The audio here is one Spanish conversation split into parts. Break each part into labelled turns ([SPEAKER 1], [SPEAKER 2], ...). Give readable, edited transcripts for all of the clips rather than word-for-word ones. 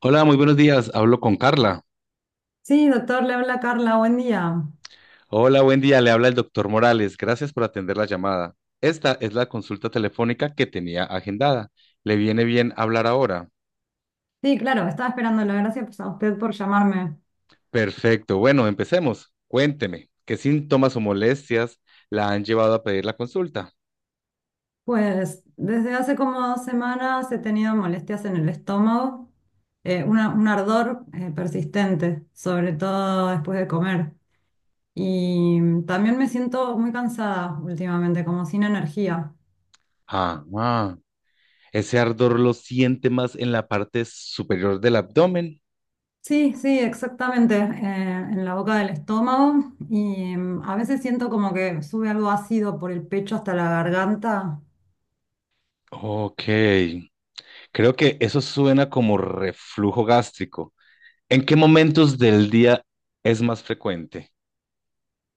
[SPEAKER 1] Hola, muy buenos días. Hablo con Carla.
[SPEAKER 2] Sí, doctor, le habla Carla, buen día.
[SPEAKER 1] Hola, buen día. Le habla el doctor Morales. Gracias por atender la llamada. Esta es la consulta telefónica que tenía agendada. ¿Le viene bien hablar ahora?
[SPEAKER 2] Sí, claro, estaba esperándolo. Gracias pues, a usted por llamarme.
[SPEAKER 1] Perfecto. Bueno, empecemos. Cuénteme, ¿qué síntomas o molestias la han llevado a pedir la consulta?
[SPEAKER 2] Pues desde hace como 2 semanas he tenido molestias en el estómago, un ardor persistente, sobre todo después de comer. Y también me siento muy cansada últimamente, como sin energía.
[SPEAKER 1] Ah, ah. Ese ardor lo siente más en la parte superior del abdomen.
[SPEAKER 2] Sí, sí, exactamente, en la boca del estómago. Y a veces siento como que sube algo ácido por el pecho hasta la garganta.
[SPEAKER 1] Ok, creo que eso suena como reflujo gástrico. ¿En qué momentos del día es más frecuente?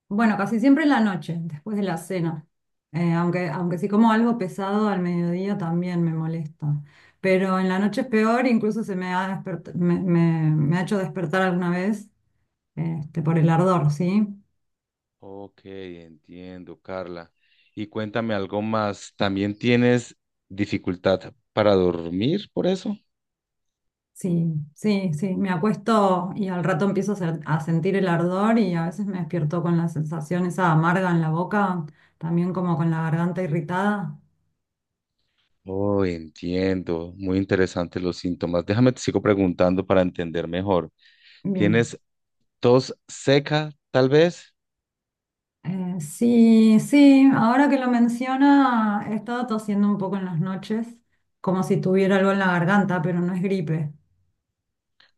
[SPEAKER 2] Bueno, casi siempre en la noche, después de la cena. Aunque si como algo pesado al mediodía también me molesta. Pero en la noche es peor, incluso se me ha, despert- me- me ha hecho despertar alguna vez este, por el ardor, ¿sí?
[SPEAKER 1] Ok, entiendo, Carla. Y cuéntame algo más. ¿También tienes dificultad para dormir por eso?
[SPEAKER 2] Sí, sí, sí. Me acuesto y al rato empiezo a sentir el ardor y a veces me despierto con la sensación esa amarga en la boca, también como con la garganta irritada.
[SPEAKER 1] Oh, entiendo. Muy interesantes los síntomas. Déjame te sigo preguntando para entender mejor.
[SPEAKER 2] Bien.
[SPEAKER 1] ¿Tienes tos seca, tal vez?
[SPEAKER 2] Sí, sí, ahora que lo menciona, he estado tosiendo un poco en las noches, como si tuviera algo en la garganta, pero no es gripe.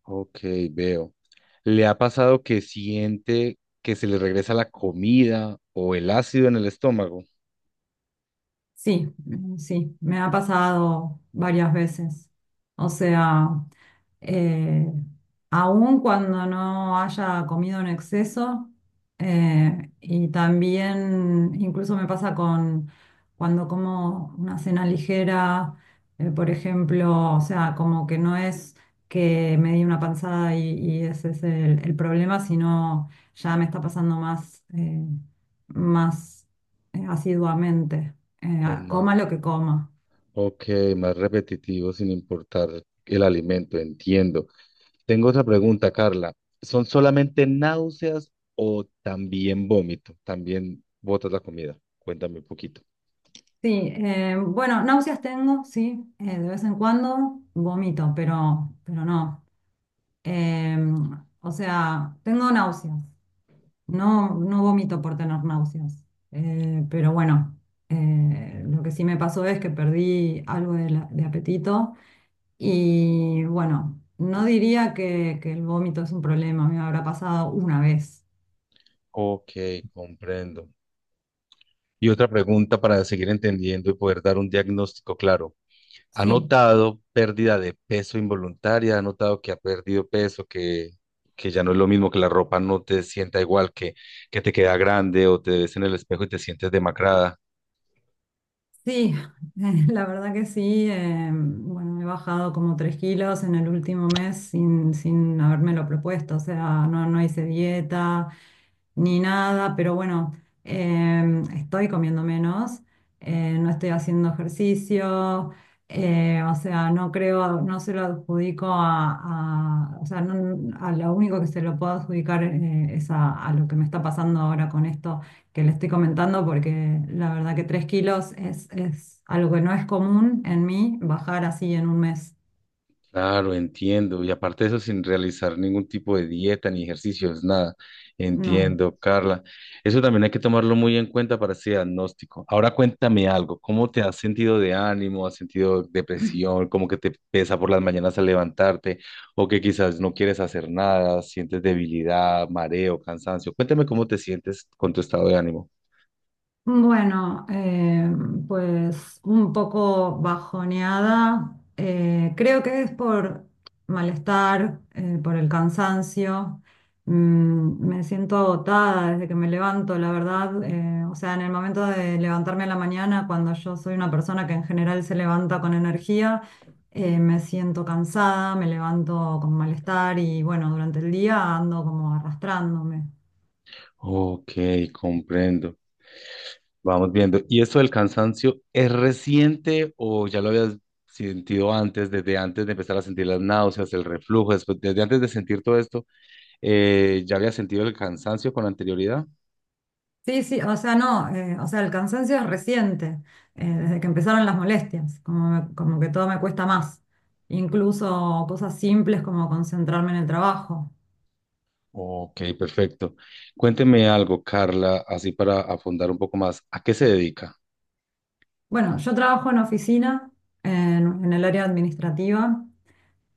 [SPEAKER 1] Ok, veo. ¿Le ha pasado que siente que se le regresa la comida o el ácido en el estómago?
[SPEAKER 2] Sí, sí, me ha pasado varias veces. O sea, eh, aun cuando no haya comido en exceso. Y también incluso me pasa con cuando como una cena ligera, por ejemplo, o sea, como que no es que me di una panzada y ese es el problema, sino ya me está pasando más, más asiduamente. Eh,
[SPEAKER 1] Con más.
[SPEAKER 2] coma lo que coma.
[SPEAKER 1] Ok, más repetitivo sin importar el alimento, entiendo. Tengo otra pregunta, Carla. ¿Son solamente náuseas o también vómito? También botas la comida. Cuéntame un poquito.
[SPEAKER 2] Sí, bueno, náuseas tengo, sí, de vez en cuando vomito, pero no. Eh, o sea, tengo náuseas. No, no vomito por tener náuseas. Pero bueno, lo que sí me pasó es que perdí algo de apetito y bueno, no diría que el vómito es un problema. Me habrá pasado una vez,
[SPEAKER 1] Ok, comprendo. Y otra pregunta para seguir entendiendo y poder dar un diagnóstico claro. ¿Ha
[SPEAKER 2] sí.
[SPEAKER 1] notado pérdida de peso involuntaria? ¿Ha notado que ha perdido peso, que ya no es lo mismo, que la ropa no te sienta igual, que te queda grande o te ves en el espejo y te sientes demacrada?
[SPEAKER 2] Sí, la verdad que sí. Bueno, he bajado como 3 kilos en el último mes sin habérmelo propuesto. O sea, no, no hice dieta ni nada. Pero bueno, estoy comiendo menos. No estoy haciendo ejercicio. O sea, no creo, no se lo adjudico o sea, a lo único que se lo puedo adjudicar es a lo que me está pasando ahora con esto que le estoy comentando porque la verdad que 3 kilos es algo que no es común en mí bajar así en un mes.
[SPEAKER 1] Claro, entiendo. Y aparte de eso, sin realizar ningún tipo de dieta ni ejercicios, nada.
[SPEAKER 2] No.
[SPEAKER 1] Entiendo, Carla. Eso también hay que tomarlo muy en cuenta para ese diagnóstico. Ahora cuéntame algo. ¿Cómo te has sentido de ánimo? ¿Has sentido depresión? ¿Cómo que te pesa por las mañanas al levantarte? ¿O que quizás no quieres hacer nada? ¿Sientes debilidad, mareo, cansancio? Cuéntame cómo te sientes con tu estado de ánimo.
[SPEAKER 2] Bueno, pues un poco bajoneada. Creo que es por malestar, por el cansancio. Me siento agotada desde que me levanto, la verdad. O sea, en el momento de levantarme a la mañana, cuando yo soy una persona que en general se levanta con energía, me siento cansada, me levanto con malestar y bueno, durante el día ando como arrastrándome.
[SPEAKER 1] Ok, comprendo. Vamos viendo. ¿Y esto del cansancio es reciente o ya lo habías sentido antes, desde antes de empezar a sentir las náuseas, el reflujo, después, desde antes de sentir todo esto, ya habías sentido el cansancio con anterioridad?
[SPEAKER 2] Sí, sí, o sea, no, o sea, el cansancio es reciente, desde que empezaron las molestias, como que todo me cuesta más, incluso cosas simples como concentrarme en el trabajo.
[SPEAKER 1] Ok, perfecto. Cuénteme algo, Carla, así para afundar un poco más. ¿A qué se dedica?
[SPEAKER 2] Bueno, yo trabajo en oficina, en el área administrativa,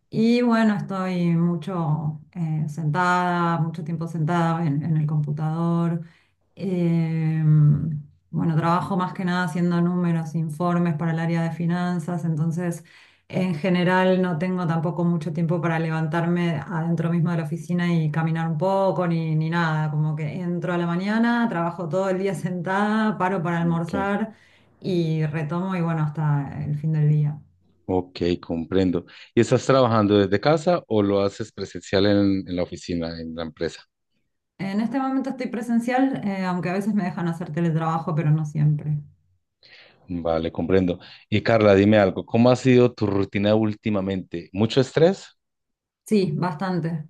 [SPEAKER 2] y bueno, estoy mucho sentada, mucho tiempo sentada en el computador. Eh, bueno, trabajo más que nada haciendo números, informes para el área de finanzas. Entonces en general no tengo tampoco mucho tiempo para levantarme adentro mismo de la oficina y caminar un poco ni nada, como que entro a la mañana, trabajo todo el día sentada, paro para
[SPEAKER 1] Ok,
[SPEAKER 2] almorzar y retomo y bueno, hasta el fin del día.
[SPEAKER 1] ok, comprendo. ¿Y estás trabajando desde casa o lo haces presencial en la oficina, en la empresa?
[SPEAKER 2] En este momento estoy presencial, aunque a veces me dejan hacer teletrabajo, pero no siempre.
[SPEAKER 1] Vale, comprendo. Y Carla, dime algo, ¿cómo ha sido tu rutina últimamente? ¿Mucho estrés?
[SPEAKER 2] Sí, bastante.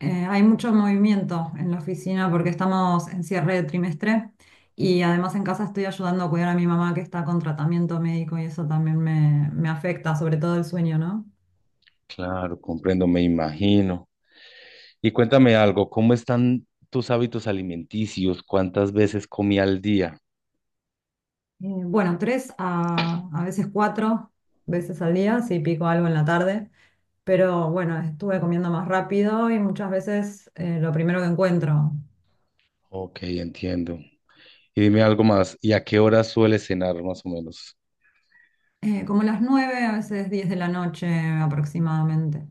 [SPEAKER 2] Hay mucho movimiento en la oficina porque estamos en cierre de trimestre y además en casa estoy ayudando a cuidar a mi mamá que está con tratamiento médico y eso también me afecta, sobre todo el sueño, ¿no?
[SPEAKER 1] Claro, comprendo, me imagino. Y cuéntame algo, ¿cómo están tus hábitos alimenticios? ¿Cuántas veces comí al día?
[SPEAKER 2] Bueno, 3 a veces 4 veces al día, si pico algo en la tarde. Pero bueno, estuve comiendo más rápido y muchas veces lo primero que encuentro.
[SPEAKER 1] Ok, entiendo. Y dime algo más, ¿y a qué hora sueles cenar más o menos?
[SPEAKER 2] Como las 9, a veces 10 de la noche aproximadamente.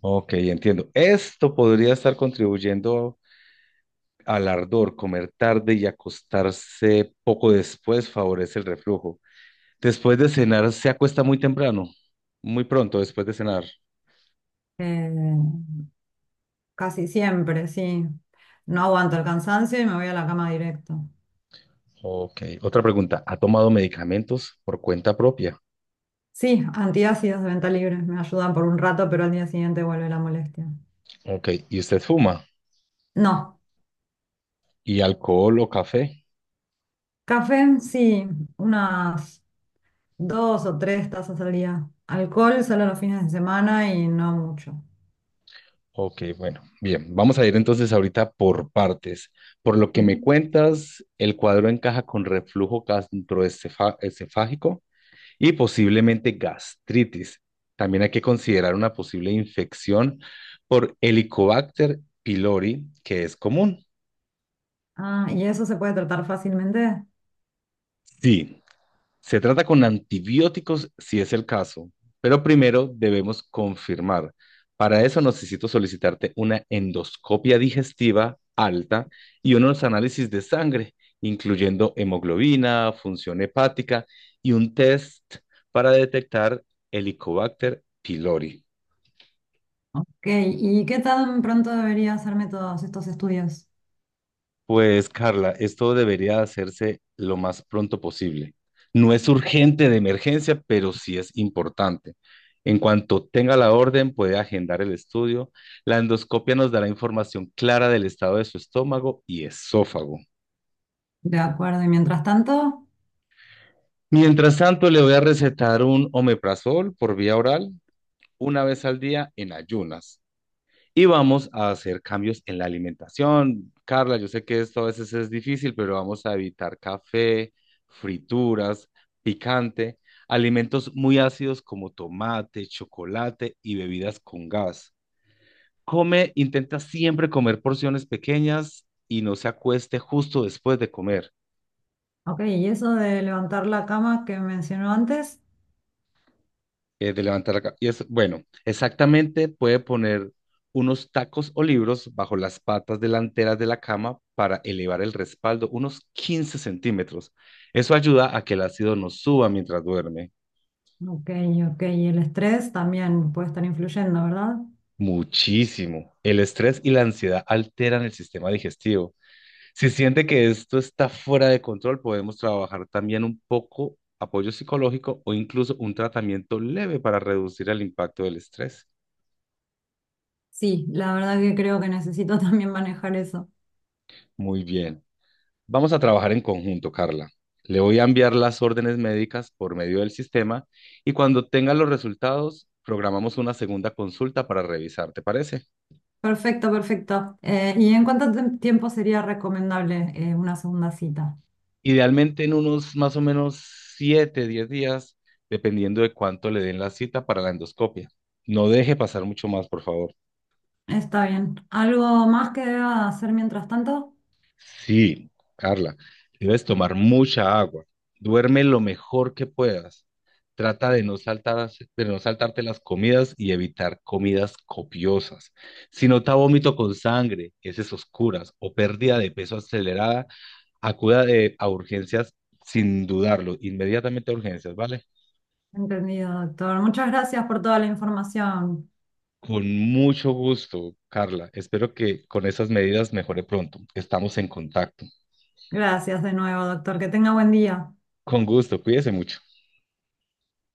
[SPEAKER 1] Ok, entiendo. Esto podría estar contribuyendo al ardor, comer tarde y acostarse poco después favorece el reflujo. Después de cenar, se acuesta muy temprano, muy pronto después de cenar.
[SPEAKER 2] Eh, Casi siempre, sí. No aguanto el cansancio y me voy a la cama directo.
[SPEAKER 1] Ok, otra pregunta. ¿Ha tomado medicamentos por cuenta propia?
[SPEAKER 2] Sí, antiácidos de venta libre me ayudan por un rato, pero al día siguiente vuelve la molestia.
[SPEAKER 1] Ok, ¿y usted fuma?
[SPEAKER 2] No,
[SPEAKER 1] ¿Y alcohol o café?
[SPEAKER 2] café sí, unas 2 o 3 tazas al día. Alcohol solo los fines de semana y no mucho.
[SPEAKER 1] Ok, bueno, bien. Vamos a ir entonces ahorita por partes. Por lo que
[SPEAKER 2] Ujú.
[SPEAKER 1] me cuentas, el cuadro encaja con reflujo gastroesofágico y posiblemente gastritis. También hay que considerar una posible infección por Helicobacter pylori, que es común.
[SPEAKER 2] Ah, ¿y eso se puede tratar fácilmente?
[SPEAKER 1] Sí, se trata con antibióticos si es el caso, pero primero debemos confirmar. Para eso necesito solicitarte una endoscopia digestiva alta y unos análisis de sangre, incluyendo hemoglobina, función hepática y un test para detectar Helicobacter pylori.
[SPEAKER 2] Ok, ¿y qué tan pronto debería hacerme todos estos estudios?
[SPEAKER 1] Pues Carla, esto debería hacerse lo más pronto posible. No es urgente de emergencia, pero sí es importante. En cuanto tenga la orden, puede agendar el estudio. La endoscopia nos dará información clara del estado de su estómago y esófago.
[SPEAKER 2] De acuerdo, y mientras tanto,
[SPEAKER 1] Mientras tanto, le voy a recetar un omeprazol por vía oral una vez al día en ayunas. Y vamos a hacer cambios en la alimentación. Carla, yo sé que esto a veces es difícil, pero vamos a evitar café, frituras, picante, alimentos muy ácidos como tomate, chocolate y bebidas con gas. Come, intenta siempre comer porciones pequeñas y no se acueste justo después de comer.
[SPEAKER 2] ok, ¿y eso de levantar la cama que mencionó antes?
[SPEAKER 1] De levantar la ca- Y es, bueno, exactamente puede poner unos tacos o libros bajo las patas delanteras de la cama para elevar el respaldo unos 15 cm. Eso ayuda a que el ácido no suba mientras duerme.
[SPEAKER 2] Ok, ok, y el estrés también puede estar influyendo, ¿verdad?
[SPEAKER 1] Muchísimo. El estrés y la ansiedad alteran el sistema digestivo. Si siente que esto está fuera de control, podemos trabajar también un poco apoyo psicológico o incluso un tratamiento leve para reducir el impacto del estrés.
[SPEAKER 2] Sí, la verdad que creo que necesito también manejar eso.
[SPEAKER 1] Muy bien. Vamos a trabajar en conjunto, Carla. Le voy a enviar las órdenes médicas por medio del sistema y cuando tenga los resultados, programamos una segunda consulta para revisar, ¿te parece?
[SPEAKER 2] Perfecto, perfecto. ¿Y en cuánto tiempo sería recomendable una segunda cita?
[SPEAKER 1] Idealmente en unos más o menos 7, 10 días, dependiendo de cuánto le den la cita para la endoscopia. No deje pasar mucho más, por favor.
[SPEAKER 2] Está bien. ¿Algo más que deba hacer mientras tanto?
[SPEAKER 1] Sí, Carla, si debes tomar mucha agua. Duerme lo mejor que puedas. Trata de no saltar, de no saltarte las comidas y evitar comidas copiosas. Si nota vómito con sangre, heces oscuras o pérdida de peso acelerada, a urgencias sin dudarlo, inmediatamente a urgencias, ¿vale?
[SPEAKER 2] Entendido, doctor. Muchas gracias por toda la información.
[SPEAKER 1] Con mucho gusto, Carla. Espero que con esas medidas mejore pronto. Estamos en contacto.
[SPEAKER 2] Gracias de nuevo, doctor. Que tenga buen día.
[SPEAKER 1] Con gusto, cuídese mucho.